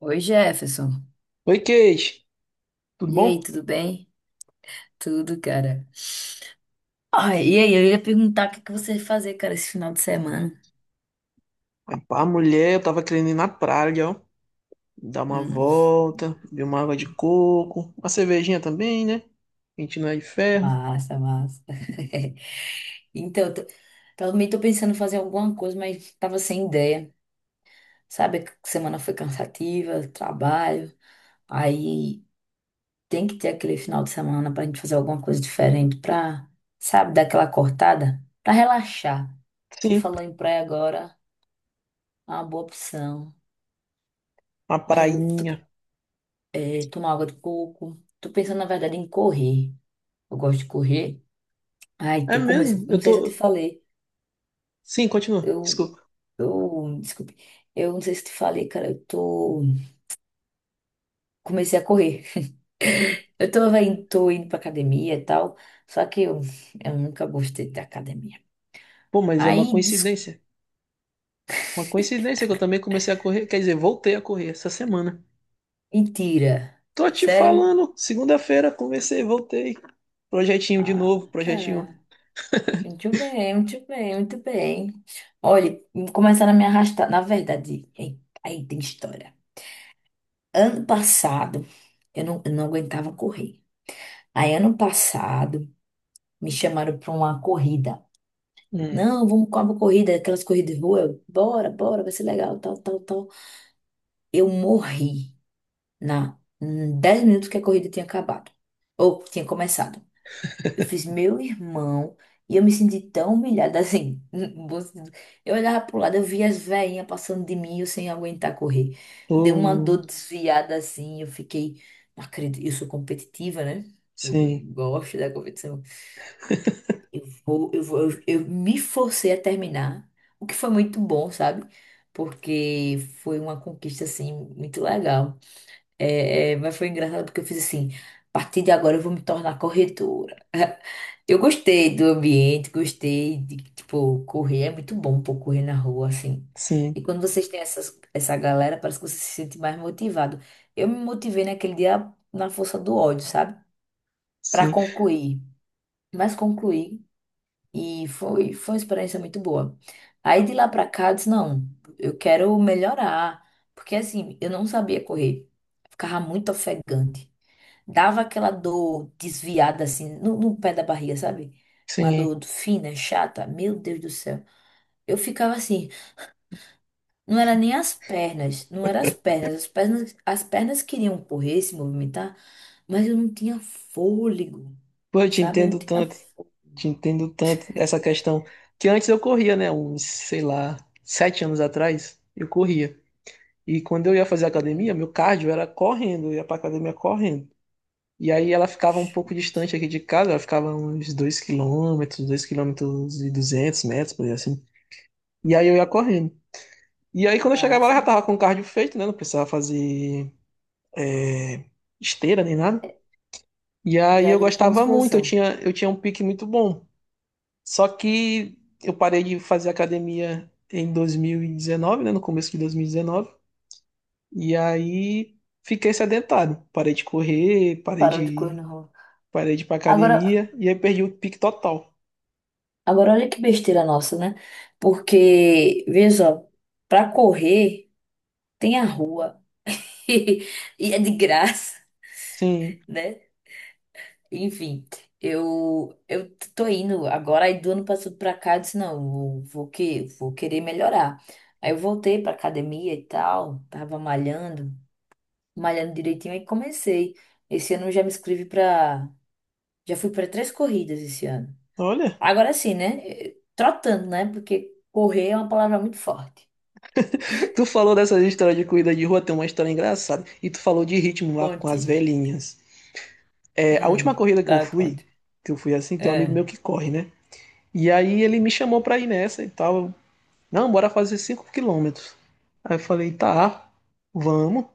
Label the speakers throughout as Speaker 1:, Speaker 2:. Speaker 1: Oi, Jefferson.
Speaker 2: Oi, Kate, tudo
Speaker 1: E
Speaker 2: bom?
Speaker 1: aí, tudo bem? Tudo, cara. Ai, e aí, eu ia perguntar o que que você vai fazer, cara, esse final de semana.
Speaker 2: Rapaz, mulher, eu tava querendo ir na praia, ó. Dar uma
Speaker 1: Hum,
Speaker 2: volta, beber uma água de coco, uma cervejinha também, né? A gente não é de ferro.
Speaker 1: massa, massa. Então, também tô pensando em fazer alguma coisa, mas tava sem ideia. Sabe, que semana foi cansativa, trabalho. Aí tem que ter aquele final de semana pra gente fazer alguma coisa diferente pra, sabe, dar aquela cortada, pra relaxar. Você
Speaker 2: Sim,
Speaker 1: falou em praia agora, é uma boa opção.
Speaker 2: uma
Speaker 1: Mas eu
Speaker 2: prainha.
Speaker 1: tomar água de coco. Tô pensando, na verdade, em correr. Eu gosto de correr. Ai,
Speaker 2: É
Speaker 1: tô
Speaker 2: mesmo?
Speaker 1: começando.
Speaker 2: Eu
Speaker 1: Não sei se eu te
Speaker 2: tô.
Speaker 1: falei.
Speaker 2: Sim, continua,
Speaker 1: Eu,
Speaker 2: desculpa.
Speaker 1: desculpe. Eu não sei se eu te falei, cara. Eu tô. Comecei a correr. Tô indo pra academia e tal. Só que eu nunca gostei da academia.
Speaker 2: Pô, mas é uma
Speaker 1: Aí, des...
Speaker 2: coincidência. Uma coincidência que eu também comecei a correr, quer dizer, voltei a correr essa semana.
Speaker 1: mentira.
Speaker 2: Tô te
Speaker 1: Sério?
Speaker 2: falando, segunda-feira comecei, voltei. Projetinho de
Speaker 1: Ah,
Speaker 2: novo, projetinho.
Speaker 1: cara. Muito bem, muito bem, muito bem. Olha, começaram a me arrastar. Na verdade, aí tem história. Ano passado, eu não aguentava correr. Aí, ano passado, me chamaram para uma corrida.
Speaker 2: Hum.
Speaker 1: Não, vamos com uma corrida, aquelas corridas de rua. Eu, bora, bora, vai ser legal, tal, tal, tal. Eu morri na em 10 minutos que a corrida tinha acabado. Ou tinha começado. Eu fiz meu irmão e eu me senti tão humilhada assim. No bom sentido. Eu olhava pro lado, eu via as veinhas passando de mim, e eu sem aguentar correr. Deu uma
Speaker 2: Oh,
Speaker 1: dor desviada assim, eu fiquei, não acredito, eu sou competitiva, né? Eu
Speaker 2: sim,
Speaker 1: gosto da competição. Eu me forcei a terminar, o que foi muito bom, sabe? Porque foi uma conquista assim muito legal. Mas foi engraçado porque eu fiz assim, a partir de agora eu vou me tornar corredora. Eu gostei do ambiente, gostei de, tipo, correr. É muito bom, pô, correr na rua, assim. E
Speaker 2: sim,
Speaker 1: quando vocês têm essa galera, parece que você se sente mais motivado. Eu me motivei naquele dia na força do ódio, sabe? Pra
Speaker 2: sim.
Speaker 1: concluir. Mas concluí e foi uma experiência muito boa. Aí de lá pra cá, eu disse, não, eu quero melhorar. Porque, assim, eu não sabia correr. Ficava muito ofegante. Dava aquela dor desviada assim no pé da barriga, sabe? Uma
Speaker 2: Sim.
Speaker 1: dor fina, chata. Meu Deus do céu. Eu ficava assim, não era nem as pernas, não era as pernas, as pernas queriam correr, se movimentar, mas eu não tinha fôlego,
Speaker 2: Pô, eu
Speaker 1: sabe? Eu não tinha
Speaker 2: te entendo tanto essa questão. Que antes eu corria, né? Uns, sei lá, sete anos atrás, eu corria. E quando eu ia fazer
Speaker 1: fôlego.
Speaker 2: academia, meu cardio era correndo, eu ia pra academia correndo. E aí ela ficava um pouco distante aqui de casa, ela ficava uns dois quilômetros e 200 metros, por aí assim. E aí eu ia correndo. E aí quando eu chegava lá, eu
Speaker 1: Nossa,
Speaker 2: já tava com o cardio feito, né? Não precisava fazer eh, esteira nem nada. E aí
Speaker 1: já é
Speaker 2: eu
Speaker 1: direto pra
Speaker 2: gostava muito, eu
Speaker 1: musculação.
Speaker 2: tinha, eu tinha um pique muito bom. Só que eu parei de fazer academia em 2019, né? No começo de 2019. E dezenove. E aí fiquei sedentário. Parei de correr,
Speaker 1: Parou de correr no rolo.
Speaker 2: parei de ir pra
Speaker 1: Agora,
Speaker 2: academia. E aí perdi o pique total.
Speaker 1: agora olha que besteira nossa, né? Porque, veja só, pra correr tem a rua. E é de graça,
Speaker 2: Sim.
Speaker 1: né? Enfim, eu tô indo agora, aí do ano passado pra cá, eu disse, não, eu vou que vou querer melhorar. Aí eu voltei pra academia e tal, tava malhando, malhando direitinho, aí comecei. Esse ano eu já me inscrevi pra. Já fui pra três corridas esse ano.
Speaker 2: Olha,
Speaker 1: Agora sim, né? Trotando, né? Porque correr é uma palavra muito forte.
Speaker 2: tu falou dessas histórias de corrida de rua, tem uma história engraçada. E tu falou de ritmo lá com as
Speaker 1: Conte.
Speaker 2: velhinhas. É, a última corrida
Speaker 1: Dá conte.
Speaker 2: que eu fui assim, tem um amigo
Speaker 1: É.
Speaker 2: meu que corre, né? E aí ele me chamou pra ir nessa e tal. Não, bora fazer 5 quilômetros. Aí eu falei, tá, vamos.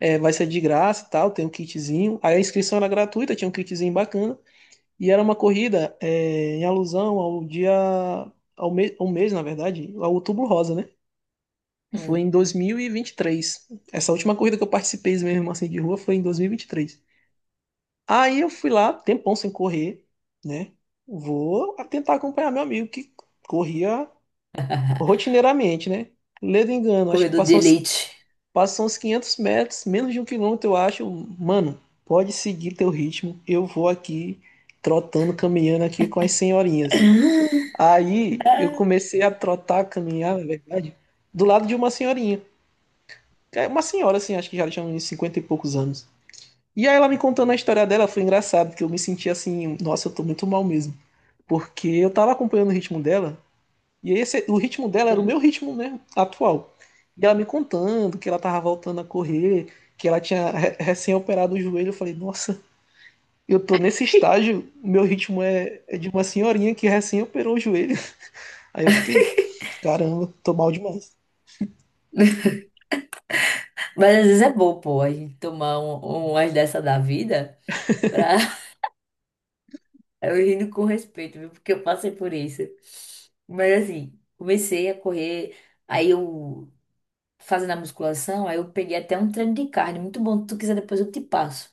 Speaker 2: É, vai ser de graça e tal, tem um kitzinho. Aí a inscrição era gratuita, tinha um kitzinho bacana. E era uma corrida é, em alusão ao dia, ao, me, ao mês, na verdade, ao Outubro Rosa, né? Foi
Speaker 1: Hum,
Speaker 2: em dois mil e vinte e três. Essa última corrida que eu participei mesmo assim de rua foi em dois mil e vinte e três. Aí eu fui lá, tempão sem correr, né? Vou tentar acompanhar meu amigo que corria rotineiramente, né? Ledo engano, acho que
Speaker 1: Corredor de
Speaker 2: passou uns.
Speaker 1: elite.
Speaker 2: Passam uns 500 metros, menos de um quilômetro, eu acho. Mano, pode seguir teu ritmo. Eu vou aqui trotando, caminhando aqui com as senhorinhas. Aí eu comecei a trotar, caminhar, na verdade, do lado de uma senhorinha. É, uma senhora, assim, acho que já tinha uns 50 e poucos anos. E aí ela me contando a história dela, foi engraçado, porque eu me senti assim, nossa, eu tô muito mal mesmo. Porque eu tava acompanhando o ritmo dela, e esse, o ritmo dela era o meu ritmo né atual. E ela me contando que ela tava voltando a correr, que ela tinha recém-operado o joelho. Eu falei, nossa, eu tô nesse estágio, meu ritmo é, é de uma senhorinha que recém-operou o joelho. Aí eu fiquei, caramba, tô mal demais.
Speaker 1: Mas às vezes é bom, pô, a gente tomar umas dessa da vida pra eu rindo com respeito, viu? Porque eu passei por isso. Mas assim, comecei a correr, aí eu fazendo a musculação, aí eu peguei até um treino de carne, muito bom. Se tu quiser, depois eu te passo.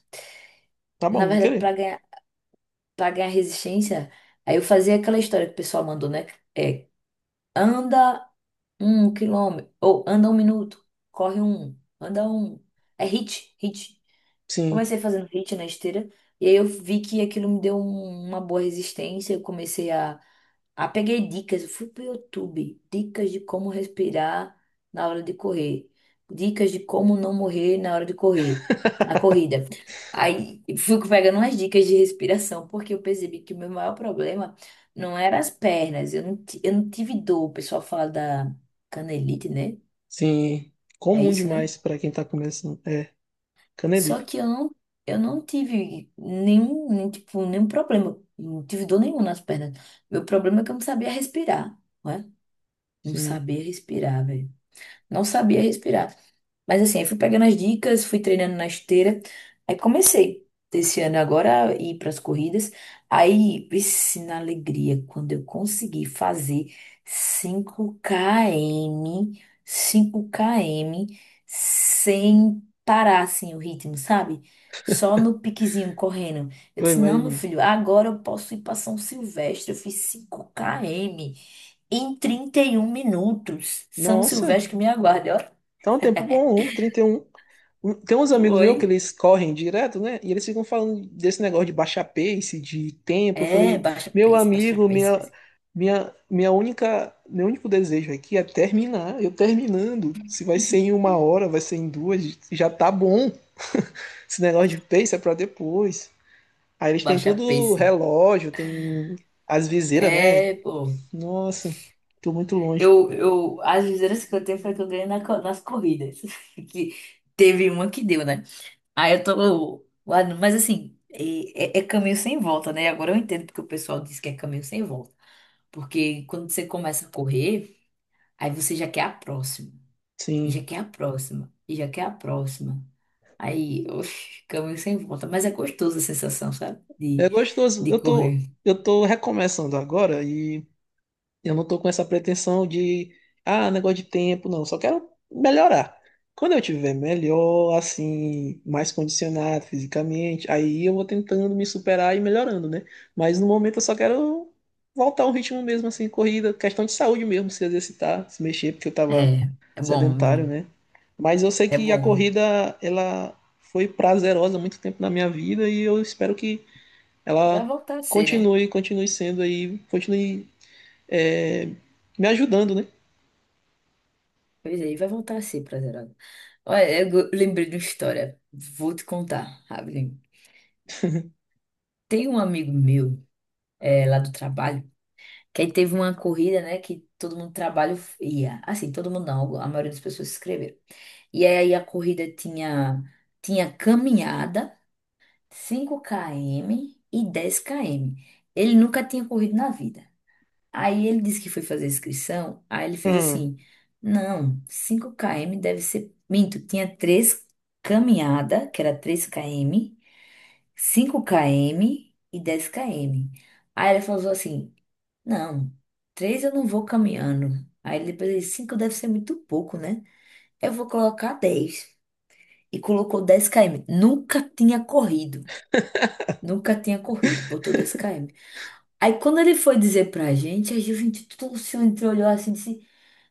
Speaker 2: Tá
Speaker 1: Na
Speaker 2: bom, vou
Speaker 1: verdade, pra
Speaker 2: querer.
Speaker 1: ganhar, para ganhar resistência, aí eu fazia aquela história que o pessoal mandou, né? É, anda 1 quilômetro, ou anda 1 minuto, corre um, anda um. É hit.
Speaker 2: Sim,
Speaker 1: Comecei fazendo hit na esteira, e aí eu vi que aquilo me deu uma boa resistência. Eu comecei a peguei dicas, eu fui pro YouTube, dicas de como respirar na hora de correr, dicas de como não morrer na hora de correr, na corrida. Aí fui pegando umas dicas de respiração, porque eu percebi que o meu maior problema não era as pernas, eu não tive dor. O pessoal fala da canelite, né?
Speaker 2: sim.
Speaker 1: É
Speaker 2: Comum
Speaker 1: isso, né?
Speaker 2: demais pra quem tá começando. É,
Speaker 1: Só
Speaker 2: canelite.
Speaker 1: que eu não tive nenhum, nem, tipo, nenhum problema. Não tive dor nenhuma nas pernas. Meu problema é que eu não sabia respirar, né? Não
Speaker 2: Sim,
Speaker 1: sabia respirar, velho. Não sabia respirar. Mas assim, aí fui pegando as dicas, fui treinando na esteira. Aí comecei desse ano agora a ir para as corridas. Aí, vixe, na alegria, quando eu consegui fazer 5 km, 5 km, sem parar assim o ritmo, sabe? Só no piquezinho correndo. Eu
Speaker 2: eu
Speaker 1: disse: não, meu
Speaker 2: imagino.
Speaker 1: filho, agora eu posso ir para São Silvestre. Eu fiz 5 km em 31 minutos. São
Speaker 2: Nossa,
Speaker 1: Silvestre que me aguarde, ó.
Speaker 2: tá um tempo bom, um, trinta e um. Um, tem uns amigos
Speaker 1: Foi.
Speaker 2: meus que eles correm direto, né? E eles ficam falando desse negócio de baixar pace, de tempo. Eu
Speaker 1: É,
Speaker 2: falei, meu
Speaker 1: baixa
Speaker 2: amigo,
Speaker 1: pace,
Speaker 2: minha,
Speaker 1: pace.
Speaker 2: minha, minha única, meu único desejo aqui é terminar. Eu terminando. Se vai ser em uma hora, vai ser em duas, já tá bom. Esse negócio de pace é pra depois. Aí eles têm
Speaker 1: Baixa
Speaker 2: tudo
Speaker 1: pace.
Speaker 2: relógio, tem as viseiras, né?
Speaker 1: É, pô.
Speaker 2: Nossa, tô muito longe.
Speaker 1: As viseiras que eu tenho foi que eu ganhei nas corridas. Que teve uma que deu, né? Aí eu tô lá, mas assim, é caminho sem volta, né? Agora eu entendo porque o pessoal diz que é caminho sem volta. Porque quando você começa a correr, aí você já quer a próxima, e já
Speaker 2: Sim.
Speaker 1: quer a próxima, e já quer a próxima. Aí, oxe, caminho sem volta. Mas é gostoso a sensação, sabe? De,
Speaker 2: É gostoso.
Speaker 1: de
Speaker 2: Eu tô,
Speaker 1: correr.
Speaker 2: eu tô recomeçando agora e. Eu não tô com essa pretensão de, ah, negócio de tempo, não. Só quero melhorar. Quando eu tiver melhor, assim, mais condicionado fisicamente, aí eu vou tentando me superar e melhorando, né? Mas no momento eu só quero voltar ao ritmo mesmo, assim, corrida, questão de saúde mesmo, se exercitar, se mexer, porque eu tava
Speaker 1: É, é bom, é
Speaker 2: sedentário,
Speaker 1: bom.
Speaker 2: né? Mas eu sei
Speaker 1: É
Speaker 2: que a
Speaker 1: bom.
Speaker 2: corrida, ela foi prazerosa há muito tempo na minha vida e eu espero que
Speaker 1: Vai
Speaker 2: ela
Speaker 1: voltar a ser, né?
Speaker 2: continue, continue sendo aí, continue é, me ajudando, né?
Speaker 1: Pois aí, vai voltar a ser prazerado. Olha, lembrei de uma história. Vou te contar, rapidinho. Tem um amigo meu, é, lá do trabalho, que aí teve uma corrida, né? Que todo mundo do trabalho ia. Assim, todo mundo não, a maioria das pessoas se inscreveram. E aí a corrida tinha caminhada, 5 km e 10 km. Ele nunca tinha corrido na vida. Aí ele disse que foi fazer a inscrição, aí ele fez
Speaker 2: Ah,
Speaker 1: assim: não, 5 km deve ser. Minto, tinha três caminhada, que era 3 km, 5 km e 10 km. Aí ele falou assim: não, três eu não vou caminhando. Aí depois ele disse: 5 deve ser muito pouco, né? Eu vou colocar dez. E colocou 10 km. Nunca tinha corrido. Nunca tinha corrido, botou 10 km. Aí quando ele foi dizer pra gente, a Juventude tudo se entrou, olhou assim e disse: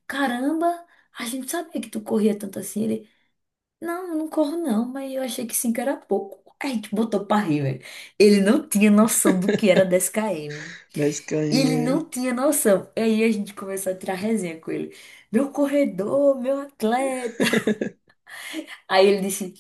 Speaker 1: caramba, a gente sabia que tu corria tanto assim. Ele, não, eu não corro não, mas eu achei que 5 era pouco. A gente botou pra rir, velho. Ele não tinha noção do que era 10 km.
Speaker 2: 10
Speaker 1: Ele
Speaker 2: km, né?
Speaker 1: não tinha noção. E aí a gente começou a tirar resenha com ele. Meu corredor, meu atleta. Aí ele disse.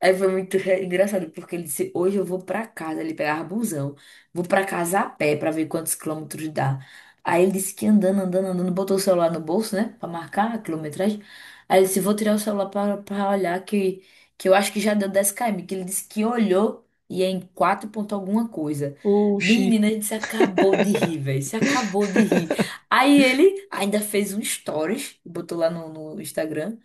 Speaker 1: Aí foi muito engraçado, porque ele disse: hoje eu vou pra casa. Ele pegava busão, vou pra casa a pé pra ver quantos quilômetros dá. Aí ele disse que andando, andando, andando, botou o celular no bolso, né? Pra marcar a quilometragem. Aí ele disse: vou tirar o celular pra olhar, que eu acho que já deu 10 km. Que ele disse que olhou e é em 4 ponto alguma coisa.
Speaker 2: Oxi.
Speaker 1: Menina, a gente se acabou de rir, velho. Se acabou de rir. Aí ele ainda fez um stories, botou lá no Instagram.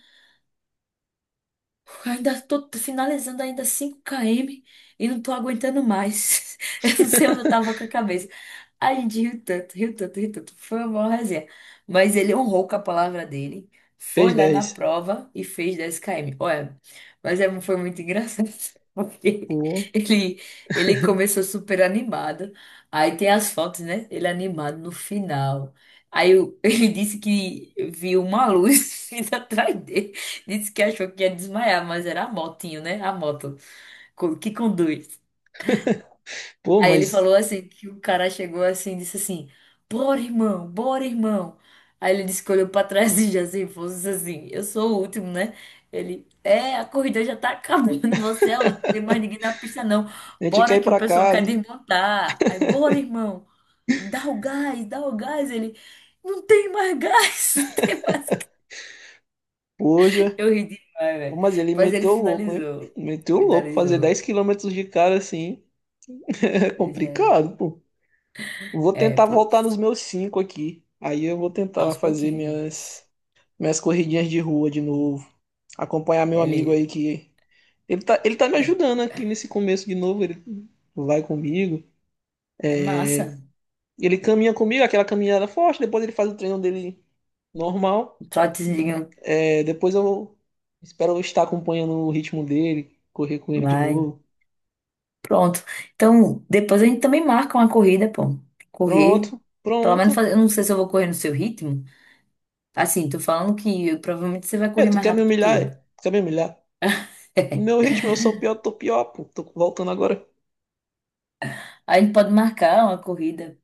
Speaker 1: Ainda tô finalizando ainda 5 km e não tô aguentando mais. Eu não sei onde eu tava com a cabeça. A gente riu tanto, riu tanto, riu tanto. Foi uma boa resenha. Mas ele honrou com a palavra dele.
Speaker 2: Fez
Speaker 1: Foi lá na
Speaker 2: dez.
Speaker 1: prova e fez 10 km. Olha, mas é, foi muito engraçado. Porque
Speaker 2: Pô,
Speaker 1: ele, ele começou super animado. Aí tem as fotos, né? Ele animado no final. Ele disse que viu uma luz vindo atrás dele. Disse que achou que ia desmaiar, mas era a motinho, né? A moto que conduz.
Speaker 2: pô,
Speaker 1: Aí ele
Speaker 2: mas
Speaker 1: falou assim, que o cara chegou assim, e disse assim, bora, irmão, bora, irmão. Aí ele disse que olhou pra trás e já se fosse assim, eu sou o último, né? Ele, é, a corrida já tá acabando, você é o último, tem mais ninguém na pista não.
Speaker 2: a gente quer
Speaker 1: Bora
Speaker 2: ir
Speaker 1: que o
Speaker 2: pra
Speaker 1: pessoal quer
Speaker 2: casa.
Speaker 1: desmontar. Aí, bora, irmão, dá o gás, dá o gás. Ele, não tem mais gás, não tem mais.
Speaker 2: Poxa.
Speaker 1: Eu ri demais,
Speaker 2: Pô,
Speaker 1: velho.
Speaker 2: mas ele
Speaker 1: Mas ele
Speaker 2: meteu louco, hein?
Speaker 1: finalizou.
Speaker 2: Meteu louco. Fazer 10
Speaker 1: Finalizou.
Speaker 2: quilômetros de cara assim é
Speaker 1: Pois é.
Speaker 2: complicado, pô. Vou
Speaker 1: É,
Speaker 2: tentar
Speaker 1: pô.
Speaker 2: voltar nos meus 5 aqui. Aí eu vou tentar
Speaker 1: Aos
Speaker 2: fazer
Speaker 1: pouquinhos.
Speaker 2: minhas, minhas corridinhas de rua de novo. Acompanhar meu amigo aí
Speaker 1: Ele
Speaker 2: que. Ele tá me ajudando aqui nesse começo de novo. Ele vai comigo.
Speaker 1: é massa.
Speaker 2: Ele caminha comigo, aquela caminhada forte, depois ele faz o treino dele normal.
Speaker 1: Trotezinho.
Speaker 2: É, depois eu espero eu estar acompanhando o ritmo dele, correr com ele de
Speaker 1: Vai.
Speaker 2: novo.
Speaker 1: Pronto. Então, depois a gente também marca uma corrida, pô. Correr.
Speaker 2: Pronto,
Speaker 1: Pelo menos
Speaker 2: pronto.
Speaker 1: fazer. Eu não sei se eu vou correr no seu ritmo. Assim, tô falando que provavelmente você vai
Speaker 2: É,
Speaker 1: correr
Speaker 2: tu
Speaker 1: mais
Speaker 2: quer me
Speaker 1: rápido que
Speaker 2: humilhar?
Speaker 1: eu.
Speaker 2: É? Tu quer me humilhar? No meu ritmo, eu sou pior, tô pior, pô. Tô voltando agora.
Speaker 1: A gente pode marcar uma corrida.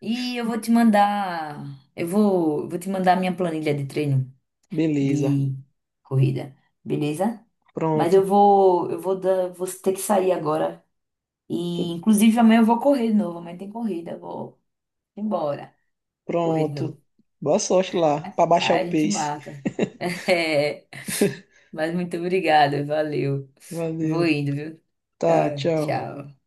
Speaker 1: E eu vou te mandar. Eu vou te mandar a minha planilha de treino.
Speaker 2: Beleza.
Speaker 1: de corrida, beleza? Mas
Speaker 2: Pronto.
Speaker 1: vou ter que sair agora. E
Speaker 2: Tu-
Speaker 1: inclusive amanhã eu vou correr de novo, amanhã tem corrida, eu vou embora, correr de
Speaker 2: Pronto.
Speaker 1: novo.
Speaker 2: Boa sorte lá, pra baixar
Speaker 1: Aí a
Speaker 2: o
Speaker 1: gente
Speaker 2: pace.
Speaker 1: marca. É, mas muito obrigada, valeu. Vou
Speaker 2: Valeu.
Speaker 1: indo, viu?
Speaker 2: Tá,
Speaker 1: Tá,
Speaker 2: tchau.
Speaker 1: tchau.